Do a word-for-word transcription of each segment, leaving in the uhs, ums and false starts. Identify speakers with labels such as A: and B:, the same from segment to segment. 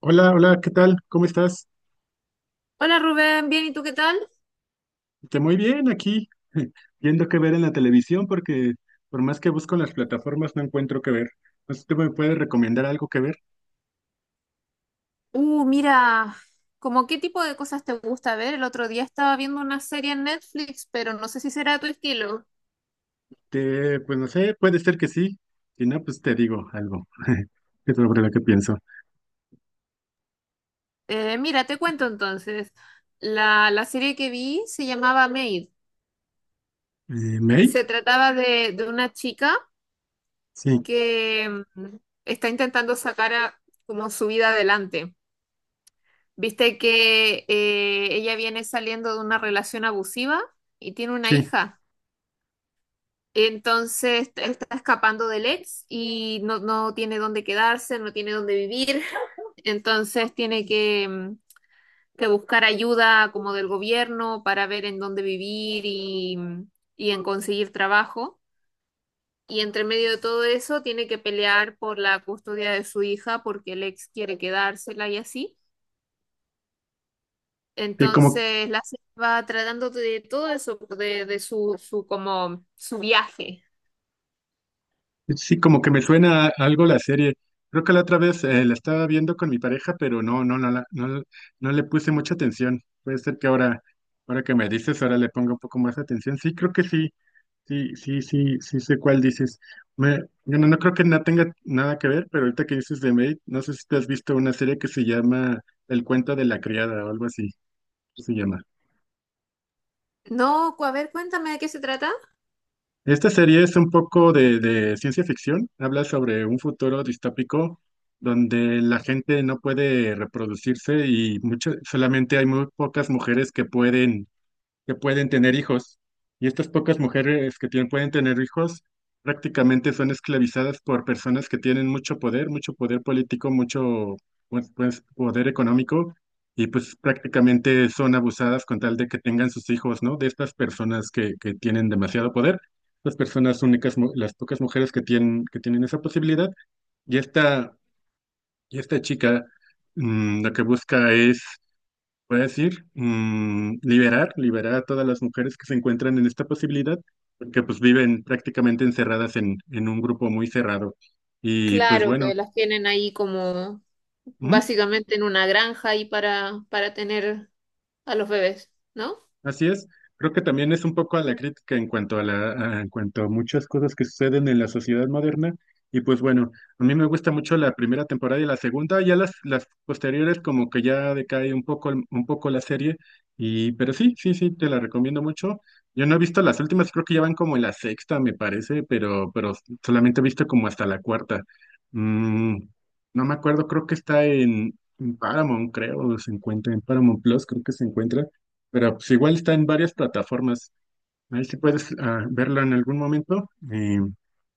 A: Hola, hola, ¿qué tal? ¿Cómo estás?
B: Hola Rubén, bien, ¿y tú qué tal?
A: Te muy bien aquí, viendo qué ver en la televisión, porque por más que busco en las plataformas no encuentro qué ver. No sé si tú me puedes recomendar algo que ver.
B: Uh, mira, ¿como qué tipo de cosas te gusta ver? El otro día estaba viendo una serie en Netflix, pero no sé si será tu estilo.
A: Te, pues no sé, puede ser que sí. Si no, pues te digo algo sobre lo que pienso.
B: Eh, mira, te cuento entonces. La, la serie que vi se llamaba Maid.
A: Eh, ¿Mate?
B: Se trataba de, de una chica
A: Sí,
B: que mm, está intentando sacar a- como su vida adelante. Viste que eh, ella viene saliendo de una relación abusiva y tiene una
A: sí.
B: hija. Entonces él está escapando del ex y no, no tiene dónde quedarse, no tiene dónde vivir. Entonces tiene que, mm, que buscar ayuda como del gobierno para ver en dónde vivir y, mm, y en conseguir trabajo. Y entre medio de todo eso tiene que pelear por la custodia de su hija porque el ex quiere quedársela y así.
A: Eh, como
B: Entonces la serie va tratando de todo eso, de, de su, su, como, su viaje.
A: sí, como que me suena algo la serie. Creo que la otra vez eh, la estaba viendo con mi pareja, pero no, no, no, la- no, le no le puse mucha atención. Puede ser que ahora, ahora que me dices, ahora le ponga un poco más atención. Sí, creo que sí, sí, sí, sí, sí sé cuál dices. Me, bueno, no creo que no tenga nada que ver, pero ahorita que dices de Maid, no sé si te has visto una serie que se llama El cuento de la criada o algo así, ¿qué se llama?
B: No, cu- a ver, cuéntame de qué se trata.
A: Esta serie es un poco de, de ciencia ficción, habla sobre un futuro distópico donde la gente no puede reproducirse y mucho- solamente hay muy pocas mujeres que pueden que pueden tener hijos. Y estas pocas mujeres que tienen, pueden tener hijos prácticamente son esclavizadas por personas que tienen mucho poder, mucho poder político, mucho pues, pues, poder económico, y pues prácticamente son abusadas con tal de que tengan sus hijos, ¿no? De estas personas que, que tienen demasiado poder. Las personas únicas, mu- las pocas mujeres que tienen, que tienen esa posibilidad. Y esta, y esta chica mm, lo que busca es voy a decir, mm, liberar, liberar a todas las mujeres que se encuentran en esta posibilidad, porque pues viven prácticamente encerradas en, en un grupo muy cerrado. Y pues
B: Claro
A: bueno,
B: que las tienen ahí como
A: ujú.
B: básicamente en una granja ahí para, para tener a los bebés, ¿no?
A: Así es. Creo que también es un poco a la crítica en cuanto a la, a- en cuanto a muchas cosas que suceden en la sociedad moderna. Y pues bueno, a mí me gusta mucho la primera temporada y la segunda, ya las, las posteriores como que ya decae un poco, el- un poco la serie. Y, pero sí, sí, sí, te la recomiendo mucho. Yo no he visto las últimas, creo que ya van como en la sexta, me parece, pero, pero solamente he visto como hasta la cuarta. Mm, no me acuerdo, creo que está en, en Paramount, creo, se encuentra en Paramount Plus, creo que se encuentra. Pero pues igual está en varias plataformas. Ahí sí puedes ah, verla en algún momento. Eh,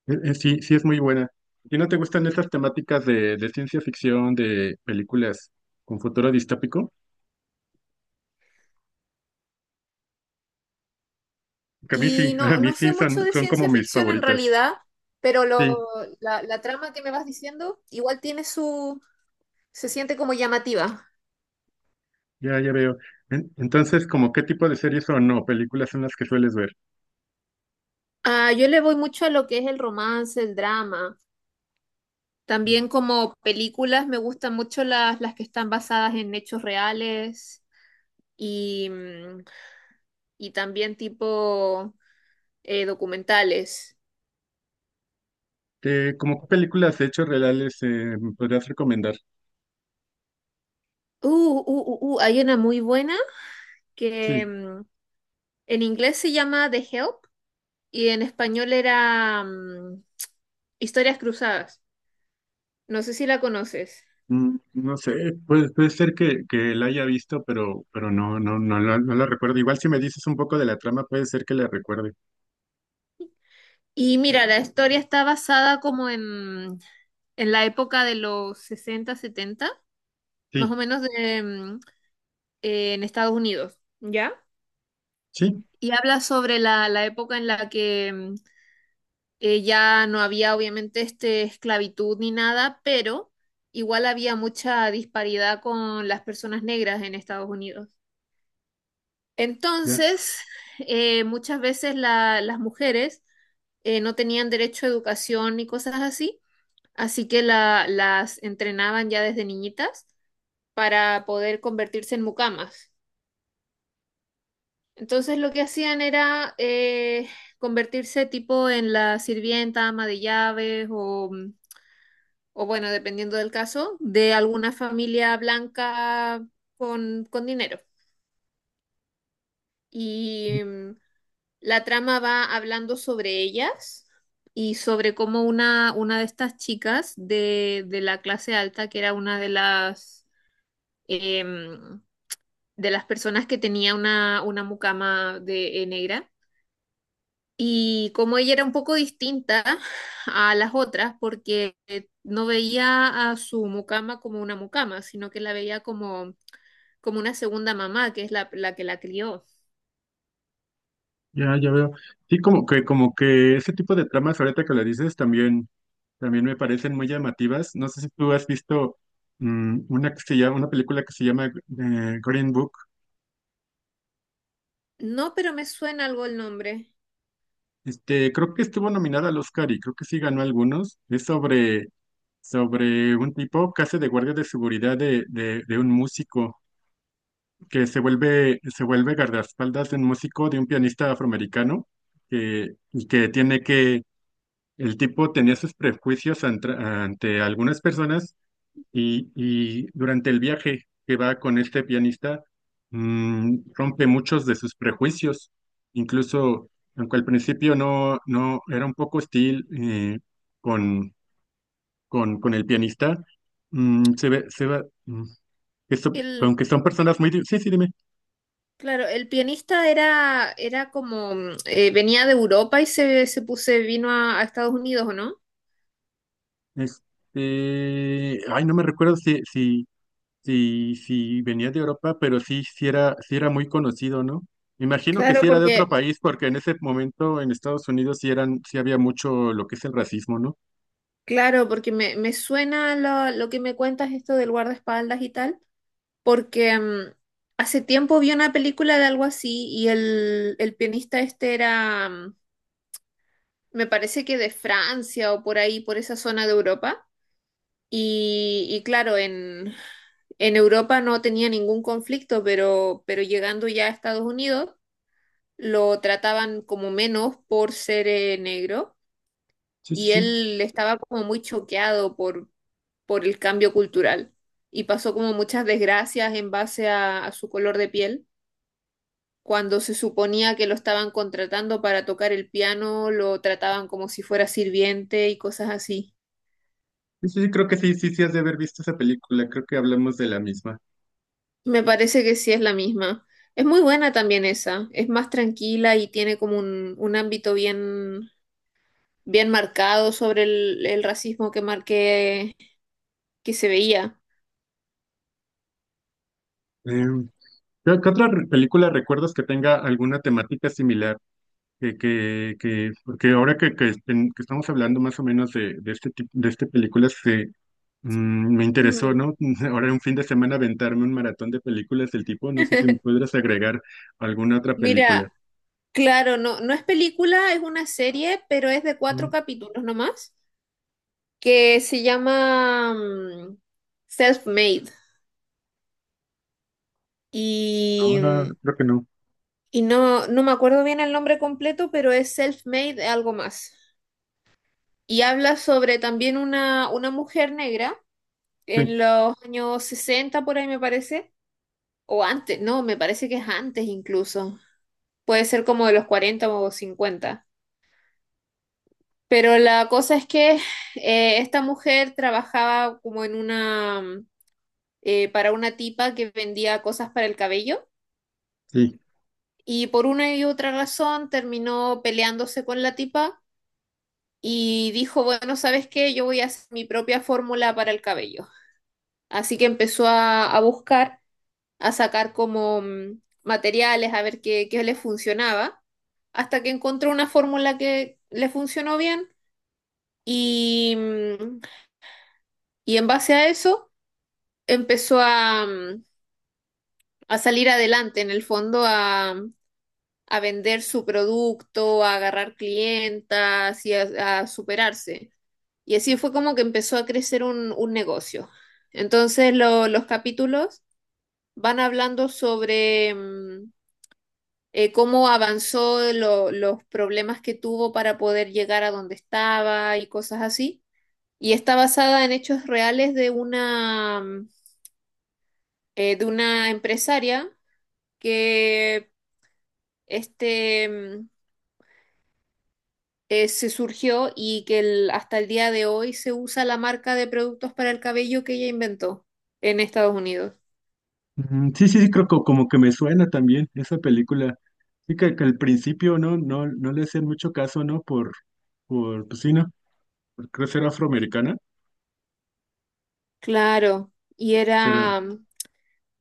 A: eh, eh, sí, sí es muy buena. ¿Y no te gustan estas temáticas de, de ciencia ficción, de películas con futuro distópico? Que a mí sí,
B: Y
A: a
B: no,
A: mí
B: no sé
A: sí son,
B: mucho de
A: son como
B: ciencia
A: mis
B: ficción en
A: favoritas.
B: realidad, pero lo,
A: Sí,
B: la, la trama que me vas diciendo igual tiene su, se siente como llamativa.
A: ya, ya veo. En- Entonces, ¿como qué tipo de series o no películas son las que sueles ver?
B: Ah, yo le voy mucho a lo que es el romance, el drama. También como películas me gustan mucho las, las que están basadas en hechos reales y, mm, y también tipo eh, documentales.
A: ¿Qué, como qué películas de hechos reales eh, me podrías recomendar?
B: Uh, uh, uh, uh, hay una muy buena que
A: Sí.
B: mm, en inglés se llama The Help y en español era mm, Historias Cruzadas. No sé si la conoces.
A: Mm, no sé, puede, puede ser que, que la haya visto, pero, pero no, no, no, la- no la recuerdo. Igual si me dices un poco de la trama, puede ser que la recuerde.
B: Y mira, la historia está basada como en, en la época de los sesenta setenta, más o
A: Sí,
B: menos de, mm, en Estados Unidos, ¿ya?
A: sí,
B: Y habla sobre la, la época en la que mm, eh, ya no había obviamente este esclavitud ni nada, pero igual había mucha disparidad con las personas negras en Estados Unidos.
A: ya,
B: Entonces, eh, muchas veces la- las mujeres eh, no tenían derecho a educación ni cosas así, así que la- las entrenaban ya desde niñitas para poder convertirse en mucamas. Entonces lo que hacían era eh, convertirse tipo en la sirvienta, ama de llaves o mm, o bueno, dependiendo del caso, de alguna familia blanca con, con dinero. Y mm, la trama va hablando sobre ellas y sobre cómo una, una de estas chicas de, de la clase alta, que era una de las, em, de las personas que tenía una, una mucama de, eh, negra. Y como ella era un poco distinta a las otras, porque eh, no veía a su mucama como una mucama, sino que la veía como, como una segunda mamá, que es la, la que la crió.
A: ya, ya veo. Sí, como que, como que ese tipo de tramas ahorita que la dices también, también me parecen muy llamativas. No sé si tú has visto mm, una que se llama, una película que se llama eh, Green Book.
B: No, pero me suena algo el nombre.
A: Este, creo que estuvo nominada al Oscar y creo que sí ganó algunos. Es sobre, sobre un tipo que hace de guardia de seguridad de, de de un músico, que se vuelve, se vuelve guardaespaldas de un músico, de un pianista afroamericano, que, y que tiene que, el tipo tenía sus prejuicios antra- ante algunas personas y, y durante el viaje que va con este pianista, mm, rompe muchos de sus prejuicios, incluso aunque al principio no, no era un poco hostil eh, con, con, con el pianista, mm, se ve, se va, mm, que son-
B: El,
A: aunque son personas muy... di- sí, sí, dime.
B: claro, el pianista era, era como, mm, eh, venía de Europa y se, se puse, vino a, a Estados Unidos, ¿o no?
A: Este, ay, no me recuerdo si, si, si, si venía de Europa, pero sí, sí era, sí era muy conocido, ¿no? Imagino que
B: Claro,
A: sí era de
B: porque,
A: otro país, porque en ese momento en Estados Unidos sí eran, sí había mucho lo que es el racismo, ¿no?
B: claro, porque me, me suena lo, lo que me cuentas esto del guardaespaldas y tal. Porque mm, hace tiempo vi una película de algo así y el, el pianista este era, mm, me parece que de Francia o por ahí, por esa zona de Europa. Y, y claro, en, en Europa no tenía ningún conflicto, pero, pero llegando ya a Estados Unidos lo trataban como menos por ser eh, negro,
A: Sí, sí,
B: y
A: sí.
B: él estaba como muy choqueado por, por el cambio cultural y pasó como muchas desgracias en base a a su color de piel. Cuando se suponía que lo estaban contratando para tocar el piano, lo trataban como si fuera sirviente y cosas así.
A: Sí, sí, sí, creo que sí, sí, sí has de haber visto esa película, creo que hablamos de la misma.
B: Me parece que sí es la misma. Es muy buena también esa. Es más tranquila y tiene como un, un ámbito bien, bien marcado sobre el, el racismo que marqué, que se veía.
A: Em, ¿qué, qué otra re- película recuerdas que tenga alguna temática similar? Que, que, que- porque ahora que, que, esten- que estamos hablando más o menos de, de este tipo, de este películas, se, mm, me interesó,
B: Mm.
A: ¿no? Ahora un fin de semana aventarme un maratón de películas del tipo, no sé si me podrás agregar alguna otra película.
B: Mira, claro, no, no es película, es una serie, pero es de cuatro
A: Mm,
B: capítulos nomás, que se llama mm, Self-Made. Y,
A: No, no, no, creo que no.
B: y no, no me acuerdo bien el nombre completo, pero es Self-Made algo más. Y habla sobre también una, una mujer negra
A: Sí,
B: en los años sesenta por ahí me parece, o antes, no, me parece que es antes incluso. Puede ser como de los cuarenta o cincuenta. Pero la cosa es que eh, esta mujer trabajaba como en una, eh, para una tipa que vendía cosas para el cabello
A: sí.
B: y por una y otra razón terminó peleándose con la tipa y dijo, bueno, ¿sabes qué? Yo voy a hacer mi propia fórmula para el cabello. Así que empezó a, a buscar, a sacar como mm, materiales, a ver qué, qué le funcionaba, hasta que encontró una fórmula que le funcionó bien y, mm, y en base a eso empezó a, mm, a salir adelante, en el fondo, a, mm, a vender su producto, a agarrar clientas y a a superarse. Y así fue como que empezó a crecer un, un negocio. Entonces lo- los capítulos van hablando sobre mm, eh, cómo avanzó, lo- los problemas que tuvo para poder llegar a donde estaba y cosas así. Y está basada en hechos reales de una, mm, eh, de una empresaria que este, mm, eh, se surgió y que el- hasta el día de hoy se usa la marca de productos para el cabello que ella inventó en Estados Unidos.
A: Mm, sí, sí, sí, creo que como que me suena también esa película. Sí, que, que al principio no, no, no le hacían mucho caso, ¿no? Por, por, pues sí, ¿no? Por creo ser afroamericana,
B: Claro, y
A: pero
B: era,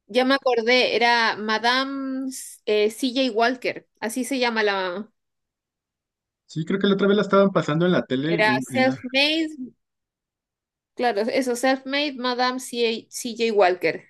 B: ya me acordé, era Madame eh, C J Walker, así se llama la,
A: sí, creo que la otra vez la estaban pasando en la tele.
B: era self-made, claro, eso, self-made Madame C J Walker.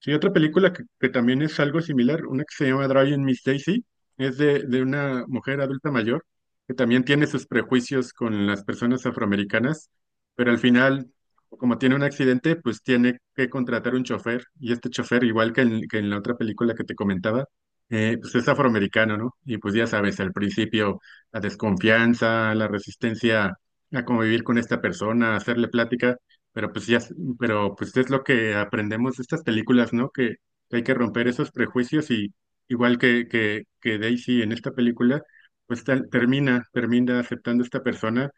A: Sí, otra película que, que también es algo similar, una que se llama Driving Miss Daisy, es de, de una mujer adulta mayor que también tiene sus prejuicios con las personas afroamericanas, pero al final, como tiene un accidente, pues tiene que contratar un chofer y este chofer, igual que en, que en la otra película que te comentaba, eh, pues es afroamericano, ¿no? Y pues ya sabes, al principio la desconfianza, la resistencia a convivir con esta persona, hacerle plática. Pero pues ya, s- pero pues es lo que aprendemos de estas películas, ¿no? Que hay que romper esos prejuicios y igual que, que, que Daisy en esta película, pues tal- termina, termina aceptando a esta persona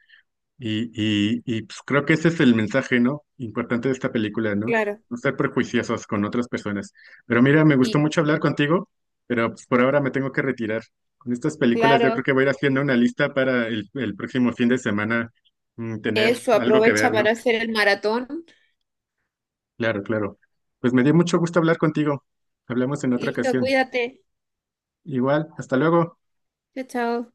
A: y, y, y pues creo que ese es el mensaje, ¿no? Importante de esta película, ¿no?
B: Claro.
A: No estar prejuiciosos con otras personas. Pero mira, me gustó
B: Y
A: mucho
B: sí,
A: hablar contigo, pero pues por ahora me tengo que retirar. Con estas películas yo creo
B: claro,
A: que voy a ir haciendo una lista para el, el próximo fin de semana, mm, tener
B: eso,
A: algo que
B: aprovecha
A: ver,
B: para
A: ¿no?
B: hacer el maratón.
A: Claro, claro. Pues me dio mucho gusto hablar contigo. Hablamos en otra
B: Listo,
A: ocasión.
B: cuídate.
A: Igual, hasta luego.
B: Chao, chao.